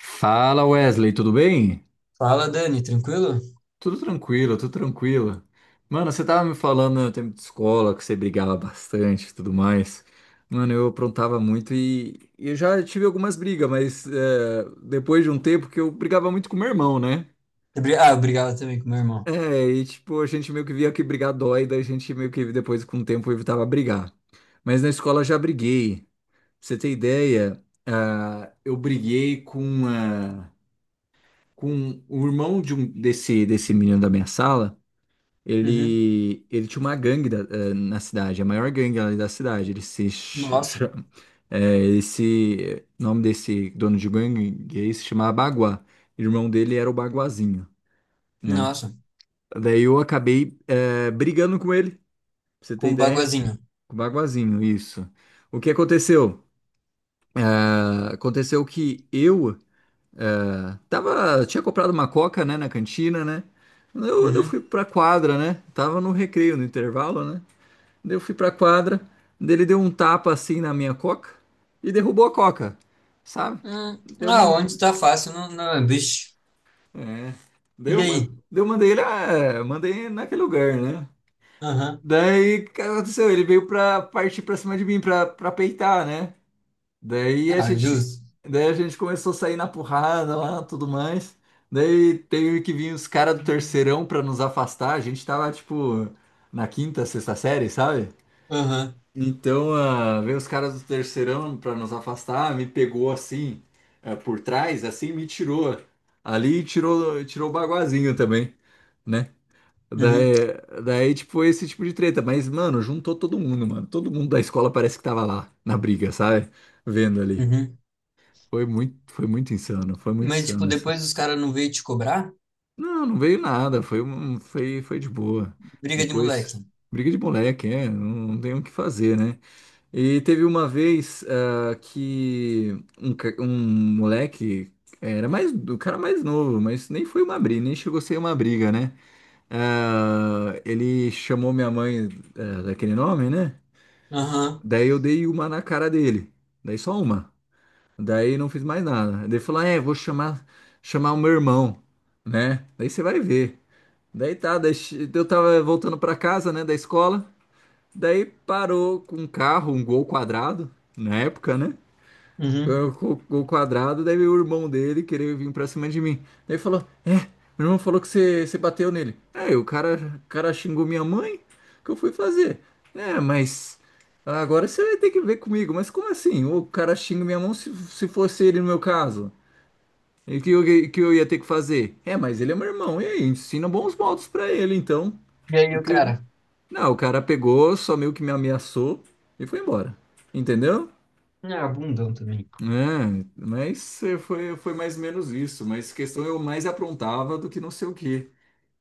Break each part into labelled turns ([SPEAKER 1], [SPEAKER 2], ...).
[SPEAKER 1] Fala Wesley, tudo bem?
[SPEAKER 2] Fala, Dani, tranquilo?
[SPEAKER 1] Tudo tranquilo, tudo tranquilo. Mano, você tava me falando no tempo de escola que você brigava bastante e tudo mais. Mano, eu aprontava muito e eu já tive algumas brigas, mas depois de um tempo que eu brigava muito com meu irmão, né?
[SPEAKER 2] Ah, eu brigava também com meu
[SPEAKER 1] É,
[SPEAKER 2] irmão.
[SPEAKER 1] e tipo, a gente meio que via que brigar dói, daí a gente meio que depois com o tempo evitava brigar. Mas na escola eu já briguei. Pra você ter ideia, eu briguei com. Uma. Com o irmão de um desse menino da minha sala.
[SPEAKER 2] Uhum.
[SPEAKER 1] Ele tinha uma gangue na cidade, a maior gangue ali da cidade. Ele se ch-
[SPEAKER 2] Nossa,
[SPEAKER 1] cha- eh, Esse nome desse dono de gangue gay se chamava Baguá. O irmão dele era o Baguazinho, né?
[SPEAKER 2] nossa,
[SPEAKER 1] Daí eu acabei brigando com ele, pra você
[SPEAKER 2] com
[SPEAKER 1] ter
[SPEAKER 2] um
[SPEAKER 1] ideia,
[SPEAKER 2] baguazinho.
[SPEAKER 1] com o Baguazinho, isso. O que aconteceu? Aconteceu que eu tinha comprado uma coca, né, na cantina, né? Eu fui
[SPEAKER 2] Uhum.
[SPEAKER 1] pra quadra, né? Tava no recreio, no intervalo, né? Daí eu fui pra quadra, daí ele deu um tapa assim na minha coca e derrubou a coca, sabe? Deu
[SPEAKER 2] Ah,
[SPEAKER 1] man...
[SPEAKER 2] onde tá fácil, não, não, é, bicho.
[SPEAKER 1] é. Daí
[SPEAKER 2] E
[SPEAKER 1] eu man-
[SPEAKER 2] aí?
[SPEAKER 1] daí eu mandei ele, mandei naquele lugar, né?
[SPEAKER 2] Aham.
[SPEAKER 1] Daí o que aconteceu? Ele veio pra partir pra cima de mim pra peitar, né? Daí a
[SPEAKER 2] Ah, é
[SPEAKER 1] gente,
[SPEAKER 2] justo.
[SPEAKER 1] daí a gente começou a sair na porrada lá, tudo mais. Daí teve que vir os caras do terceirão pra nos afastar. A gente tava, tipo, na quinta, sexta série, sabe?
[SPEAKER 2] Aham.
[SPEAKER 1] Então, veio os caras do terceirão pra nos afastar, me pegou assim, por trás, assim, me tirou ali e tirou, tirou o Baguazinho também, né?
[SPEAKER 2] Uhum.
[SPEAKER 1] Daí, daí, tipo, esse tipo de treta. Mas, mano, juntou todo mundo, mano. Todo mundo da escola parece que tava lá, na briga, sabe? Vendo ali.
[SPEAKER 2] Uhum.
[SPEAKER 1] Foi muito
[SPEAKER 2] Mas, tipo,
[SPEAKER 1] insano essa.
[SPEAKER 2] depois os caras não veio te cobrar?
[SPEAKER 1] Não, não veio nada, foi de boa.
[SPEAKER 2] Briga de
[SPEAKER 1] Depois,
[SPEAKER 2] moleque.
[SPEAKER 1] briga de moleque, é, não tem o que fazer, né? E teve uma vez que um moleque, o cara mais novo, mas nem foi uma briga, nem chegou a ser uma briga, né? Ah, ele chamou minha mãe, daquele nome, né?
[SPEAKER 2] Aham.
[SPEAKER 1] Daí eu dei uma na cara dele, daí só uma. Daí não fiz mais nada. Daí falou, "Ah, vou chamar o meu irmão, né? Daí você vai ver." Daí tá, eu tava voltando pra casa, né, da escola. Daí parou com um carro, um Gol quadrado, na época, né?
[SPEAKER 2] Uhum.
[SPEAKER 1] O quadrado, daí o irmão dele querer vir pra cima de mim. Daí falou: é, meu irmão falou que você bateu nele. Aí o cara xingou minha mãe, o que eu fui fazer? É, mas agora você vai ter que ver comigo. Mas como assim? O cara xinga minha mão se fosse ele no meu caso? E que eu ia ter que fazer? É, mas ele é meu irmão, e aí? Ensina bons modos pra ele, então.
[SPEAKER 2] E aí, o
[SPEAKER 1] Porque.
[SPEAKER 2] cara?
[SPEAKER 1] Não, o cara pegou, só meio que me ameaçou e foi embora. Entendeu?
[SPEAKER 2] Ah, bundão também.
[SPEAKER 1] É, mas foi mais ou menos isso. Mas questão eu mais aprontava do que não sei o que,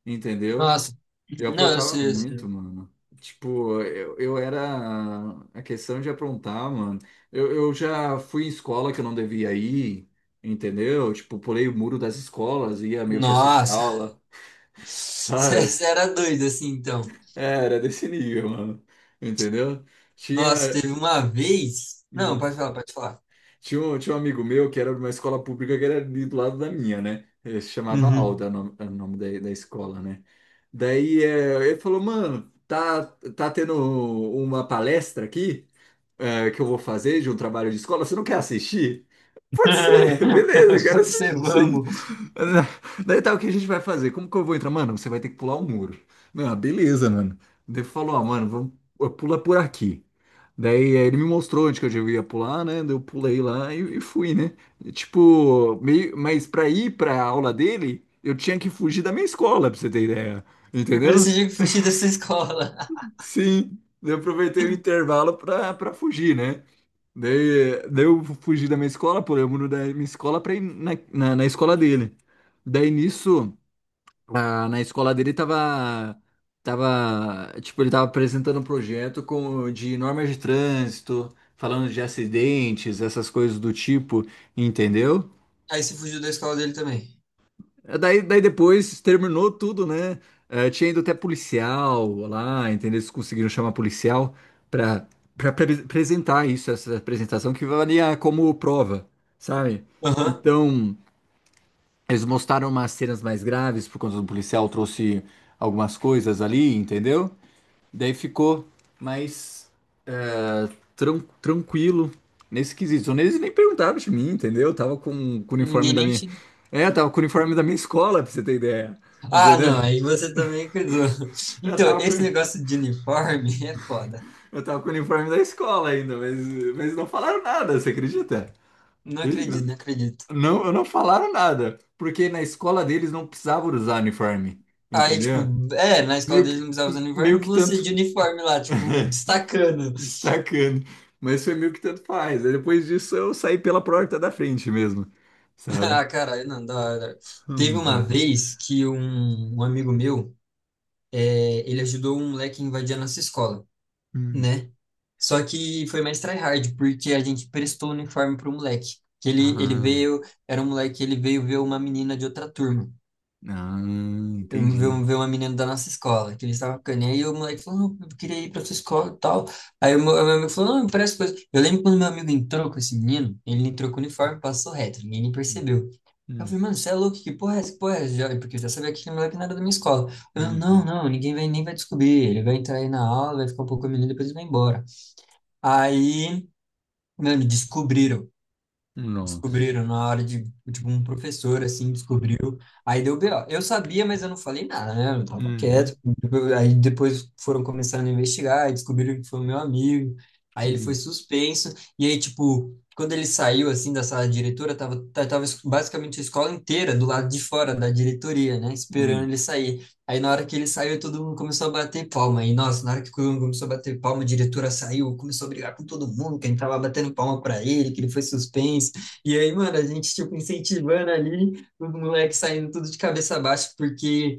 [SPEAKER 1] entendeu?
[SPEAKER 2] Nossa.
[SPEAKER 1] Eu
[SPEAKER 2] Não, eu
[SPEAKER 1] aprontava
[SPEAKER 2] sei, eu
[SPEAKER 1] muito,
[SPEAKER 2] sei.
[SPEAKER 1] mano. Tipo, eu era. A questão de aprontar, mano. Eu já fui em escola que eu não devia ir, entendeu? Tipo, pulei o muro das escolas, ia meio que assistir
[SPEAKER 2] Nossa.
[SPEAKER 1] aula, sabe?
[SPEAKER 2] Você era doido assim, então.
[SPEAKER 1] É, era desse nível, mano. Entendeu?
[SPEAKER 2] Nossa,
[SPEAKER 1] Tinha.
[SPEAKER 2] teve uma vez. Não,
[SPEAKER 1] hum,
[SPEAKER 2] pode falar, pode falar.
[SPEAKER 1] tinha um amigo meu que era de uma escola pública que era ali do lado da minha, né? Ele se chamava
[SPEAKER 2] Uhum.
[SPEAKER 1] Alda, o nome, era o nome da escola, né? Daí ele falou, mano, tá tendo uma palestra aqui, que eu vou fazer de um trabalho de escola, você não quer assistir? Pode ser, beleza, eu quero
[SPEAKER 2] Pode ser,
[SPEAKER 1] assistir sim.
[SPEAKER 2] vamos.
[SPEAKER 1] Daí tá, o que a gente vai fazer? Como que eu vou entrar? Mano, você vai ter que pular um muro. Não, beleza, mano. Daí falou, ó, mano, vamos, pula por aqui. Daí ele me mostrou onde que eu devia pular, né? Daí eu pulei lá e fui, né? E, tipo, meio, mas pra ir pra aula dele, eu tinha que fugir da minha escola, pra você ter ideia.
[SPEAKER 2] Primeiro
[SPEAKER 1] Entendeu?
[SPEAKER 2] você tinha que fugir dessa escola.
[SPEAKER 1] Sim. Daí eu aproveitei o intervalo pra, fugir, né? Daí, eu fugi da minha escola, pulei o muro da minha escola pra ir na, na escola dele. Daí nisso. Ah, na escola dele tava, tipo, ele tava apresentando um projeto de normas de trânsito, falando de acidentes, essas coisas do tipo, entendeu?
[SPEAKER 2] Aí você fugiu da escola dele também.
[SPEAKER 1] Daí, depois terminou tudo, né? Tinha ido até policial lá, entendeu? Eles conseguiram chamar policial pra, pra apresentar isso, essa apresentação que valia como prova, sabe?
[SPEAKER 2] Aham.
[SPEAKER 1] Então, eles mostraram umas cenas mais graves por conta do policial, trouxe algumas coisas ali, entendeu? Daí ficou mais ah, tranquilo nesse quesito. Então, eles nem perguntaram de mim, entendeu? Eu tava com o uniforme
[SPEAKER 2] Ninguém
[SPEAKER 1] da
[SPEAKER 2] nem
[SPEAKER 1] minha.
[SPEAKER 2] te.
[SPEAKER 1] É, eu tava com o uniforme da minha escola, pra você ter ideia.
[SPEAKER 2] Ah,
[SPEAKER 1] Entendeu?
[SPEAKER 2] não, aí você também cuidou.
[SPEAKER 1] Eu
[SPEAKER 2] Então,
[SPEAKER 1] tava com,
[SPEAKER 2] esse
[SPEAKER 1] eu
[SPEAKER 2] negócio de uniforme é foda.
[SPEAKER 1] tava com o uniforme da escola ainda, mas, não falaram nada, você acredita?
[SPEAKER 2] Não
[SPEAKER 1] Eles que não-
[SPEAKER 2] acredito, não acredito.
[SPEAKER 1] não, não falaram nada, porque na escola deles não precisava usar uniforme,
[SPEAKER 2] Aí,
[SPEAKER 1] entendeu?
[SPEAKER 2] tipo, é, na escola
[SPEAKER 1] Meio
[SPEAKER 2] dele não
[SPEAKER 1] que,
[SPEAKER 2] precisava usar uniforme,
[SPEAKER 1] meio que
[SPEAKER 2] você
[SPEAKER 1] tanto.
[SPEAKER 2] de uniforme lá, tipo, destacando.
[SPEAKER 1] destacando. Mas foi meio que tanto faz. Aí depois disso eu saí pela porta da frente mesmo, sabe?
[SPEAKER 2] Ah, caralho, não, da hora. Teve uma
[SPEAKER 1] Uhum,
[SPEAKER 2] vez que um amigo meu. É, ele ajudou um moleque a invadir a nossa escola,
[SPEAKER 1] uhum.
[SPEAKER 2] né? Só que foi mais tryhard, porque a gente prestou o uniforme pro moleque. Que ele
[SPEAKER 1] Ah,
[SPEAKER 2] veio, era um moleque, ele veio ver uma menina de outra turma.
[SPEAKER 1] ah,
[SPEAKER 2] Eu vi,
[SPEAKER 1] entendi.
[SPEAKER 2] vi uma menina da nossa escola, que ele estava ficando, e aí o moleque falou, não, eu queria ir pra sua escola e tal. Aí o meu amigo falou, não, me parece coisa. Eu lembro quando meu amigo entrou com esse menino, ele entrou com o uniforme, passou reto, ninguém nem percebeu. Eu
[SPEAKER 1] Uhum,
[SPEAKER 2] falei, mano, você é louco, que porra é essa? Que porra é essa? Porque eu já sabia que aquele moleque não era da minha escola. Eu, não,
[SPEAKER 1] uhum.
[SPEAKER 2] não, ninguém vai, nem vai descobrir. Ele vai entrar aí na aula, vai ficar um pouco menino, depois ele vai embora. Aí, mano, descobriram
[SPEAKER 1] Nossa.
[SPEAKER 2] descobriram na hora de, tipo, um professor, assim, descobriu. Aí deu B.O. Eu sabia, mas eu não falei nada, né? Eu tava quieto.
[SPEAKER 1] Uhum,
[SPEAKER 2] Aí depois foram começando a investigar, e descobriram que foi meu amigo. Aí ele foi
[SPEAKER 1] uhum,
[SPEAKER 2] suspenso. E aí, tipo, quando ele saiu, assim, da sala de diretora, tava, tava basicamente a escola inteira do lado de fora da diretoria, né? Esperando
[SPEAKER 1] uhum,
[SPEAKER 2] ele sair. Aí na hora que ele saiu, todo mundo começou a bater palma. E nossa, na hora que todo mundo começou a bater palma, a diretora saiu, começou a brigar com todo mundo, quem tava batendo palma pra ele, que ele foi suspenso. E aí, mano, a gente, tipo, incentivando ali, o moleque saindo tudo de cabeça baixa, porque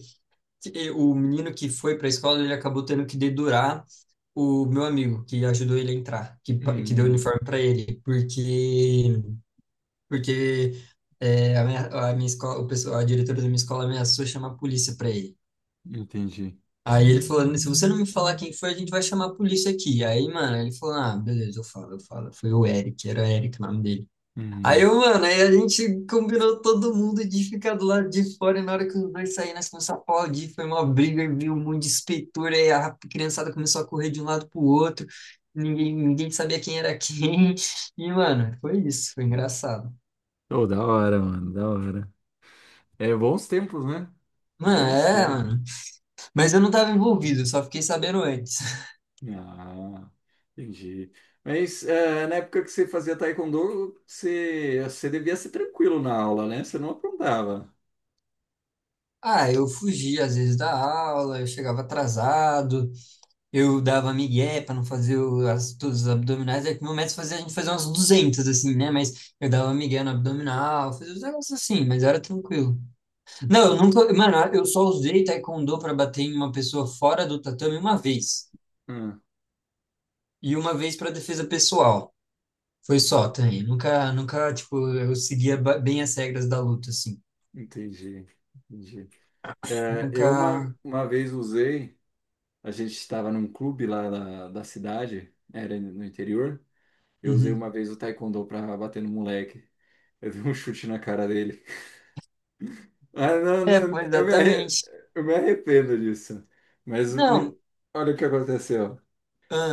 [SPEAKER 2] o menino que foi pra escola, ele acabou tendo que dedurar o meu amigo, que ajudou ele a entrar, que, que deu o
[SPEAKER 1] uhum.
[SPEAKER 2] uniforme pra ele, porque, porque é, a minha escola, o pessoal, a diretora da minha escola ameaçou chamar a polícia pra ele.
[SPEAKER 1] Entendi.
[SPEAKER 2] Aí ele falou, se você não me falar quem foi, a gente vai chamar a polícia aqui. Aí, mano, ele falou, ah, beleza, eu falo, eu falo. Foi o Eric, era o Eric o nome dele. Aí,
[SPEAKER 1] Uhum.
[SPEAKER 2] eu, mano, aí a gente combinou todo mundo de ficar do lado de fora, e na hora que os dois saíram, nós começamos a aplaudir, foi uma briga, e viu um monte de espetura, aí a criançada começou a correr de um lado pro outro, ninguém, ninguém sabia quem era quem, e, mano, foi isso, foi engraçado.
[SPEAKER 1] Oh, da hora, mano, da hora. É bons tempos, né?
[SPEAKER 2] Mano,
[SPEAKER 1] Bons
[SPEAKER 2] é,
[SPEAKER 1] tempos.
[SPEAKER 2] mano, mas eu não tava envolvido, eu só fiquei sabendo antes.
[SPEAKER 1] Ah, entendi. Mas na época que você fazia taekwondo, você devia ser tranquilo na aula, né? Você não aprontava.
[SPEAKER 2] Ah, eu fugia às vezes da aula, eu chegava atrasado, eu dava migué para não fazer as, todos os abdominais. É que meu método fazia a gente fazer uns 200 assim, né? Mas eu dava migué no abdominal, fazia uns negócios assim, mas era tranquilo. Não, eu nunca. Mano, eu só usei taekwondo para bater em uma pessoa fora do tatame uma vez.
[SPEAKER 1] Ah,
[SPEAKER 2] E uma vez para defesa pessoal. Foi só
[SPEAKER 1] ent-
[SPEAKER 2] também. Nunca, nunca, tipo, eu seguia bem as regras da luta, assim.
[SPEAKER 1] entendi, entendi. Eu uma,
[SPEAKER 2] Nunca.
[SPEAKER 1] uma vez usei, a gente estava num clube lá da cidade, era no interior. Eu usei uma
[SPEAKER 2] Uhum.
[SPEAKER 1] vez o taekwondo para bater no moleque. Eu dei um chute na cara dele. Ah, não,
[SPEAKER 2] É,
[SPEAKER 1] não,
[SPEAKER 2] pô,
[SPEAKER 1] eu me, arre-
[SPEAKER 2] exatamente.
[SPEAKER 1] eu me arrependo disso. Mas me-
[SPEAKER 2] Não.
[SPEAKER 1] Olha o que aconteceu.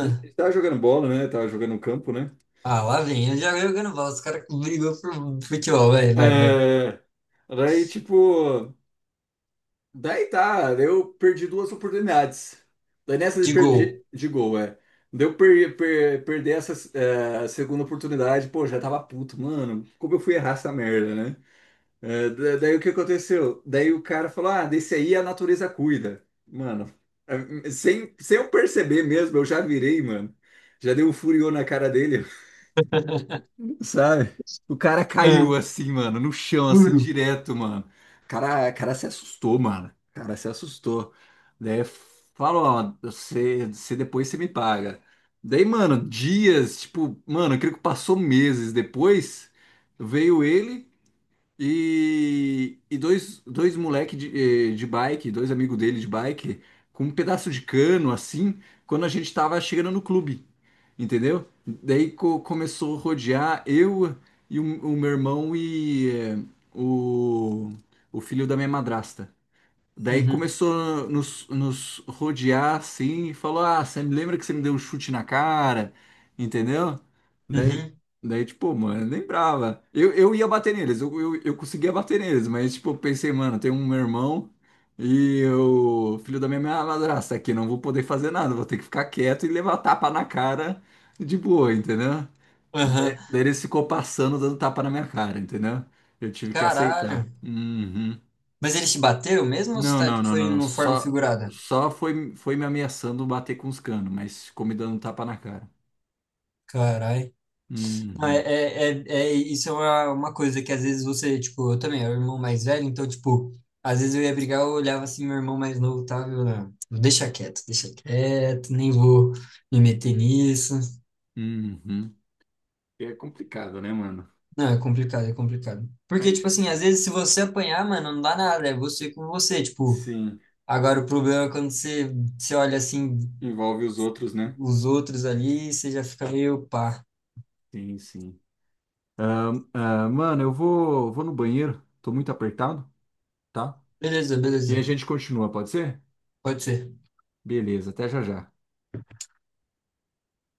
[SPEAKER 1] Ele tava jogando bola, né? Tava jogando no campo, né?
[SPEAKER 2] ah, lá vem. Eu já jogando bola. Os caras brigam por futebol. Vai, vai, vai.
[SPEAKER 1] É, daí, tipo, daí tá, daí eu perdi duas oportunidades. Daí nessa de
[SPEAKER 2] De
[SPEAKER 1] perdi
[SPEAKER 2] gol.
[SPEAKER 1] de gol, é. Daí eu perdi essa, segunda oportunidade, pô, já tava puto, mano. Como eu fui errar essa merda, né? É, daí o que aconteceu? Daí o cara falou: ah, desse aí a natureza cuida. Mano, sem eu perceber mesmo, eu já virei, mano. Já dei um furiô na cara dele, sabe? O cara caiu
[SPEAKER 2] Ah,
[SPEAKER 1] assim, mano, no chão, assim,
[SPEAKER 2] duro.
[SPEAKER 1] direto, mano. O cara se assustou, mano. O cara se assustou. Daí falou, ó, você depois você me paga. Daí, mano, dias, tipo, mano, eu creio que passou meses depois, veio ele. E dois moleque de bike, dois amigos dele de bike, com um pedaço de cano assim, quando a gente tava chegando no clube, entendeu? Daí começou a rodear eu e o meu irmão e eh, o, o filho da minha madrasta. Daí
[SPEAKER 2] Uhum,
[SPEAKER 1] começou a nos rodear assim e falou: Ah, você me lembra que você me deu um chute na cara? Entendeu? Daí,
[SPEAKER 2] uhum,
[SPEAKER 1] daí, tipo, mano, eu lembrava. Eu ia bater neles, eu conseguia bater neles, mas tipo, eu pensei, mano, tem um meu irmão e o filho da minha madrasta aqui, não vou poder fazer nada, vou ter que ficar quieto e levar tapa na cara de boa, entendeu? Daí,
[SPEAKER 2] aham.
[SPEAKER 1] daí eles ficou passando, dando tapa na minha cara, entendeu? Eu tive que
[SPEAKER 2] Caralho.
[SPEAKER 1] aceitar. Uhum.
[SPEAKER 2] Mas eles te bateram mesmo ou você
[SPEAKER 1] Não,
[SPEAKER 2] tá,
[SPEAKER 1] não,
[SPEAKER 2] tipo,
[SPEAKER 1] não,
[SPEAKER 2] foi
[SPEAKER 1] não.
[SPEAKER 2] no forma
[SPEAKER 1] Só,
[SPEAKER 2] figurada?
[SPEAKER 1] só foi me ameaçando bater com os canos, mas ficou me dando um tapa na cara.
[SPEAKER 2] Caralho. Não, é,
[SPEAKER 1] Uhum,
[SPEAKER 2] é, é, isso é uma coisa que às vezes você, tipo, eu também, eu era o irmão mais velho, então, tipo, às vezes eu ia brigar, eu olhava assim, meu irmão mais novo tava, eu, não, deixa quieto, nem vou me meter nisso.
[SPEAKER 1] uhum. É complicado, né, mano?
[SPEAKER 2] Não, é complicado, é complicado. Porque,
[SPEAKER 1] Mas,
[SPEAKER 2] tipo assim, às vezes se você apanhar, mano, não dá nada, é você com você, tipo,
[SPEAKER 1] sim,
[SPEAKER 2] agora, o problema é quando você, você olha assim
[SPEAKER 1] envolve os outros, né?
[SPEAKER 2] os outros ali, você já fica meio pá.
[SPEAKER 1] Sim, sim. Ah, mano, eu vou, no banheiro. Tô muito apertado, tá?
[SPEAKER 2] Beleza,
[SPEAKER 1] E
[SPEAKER 2] beleza.
[SPEAKER 1] a gente continua, pode ser?
[SPEAKER 2] Pode ser.
[SPEAKER 1] Beleza, até já já.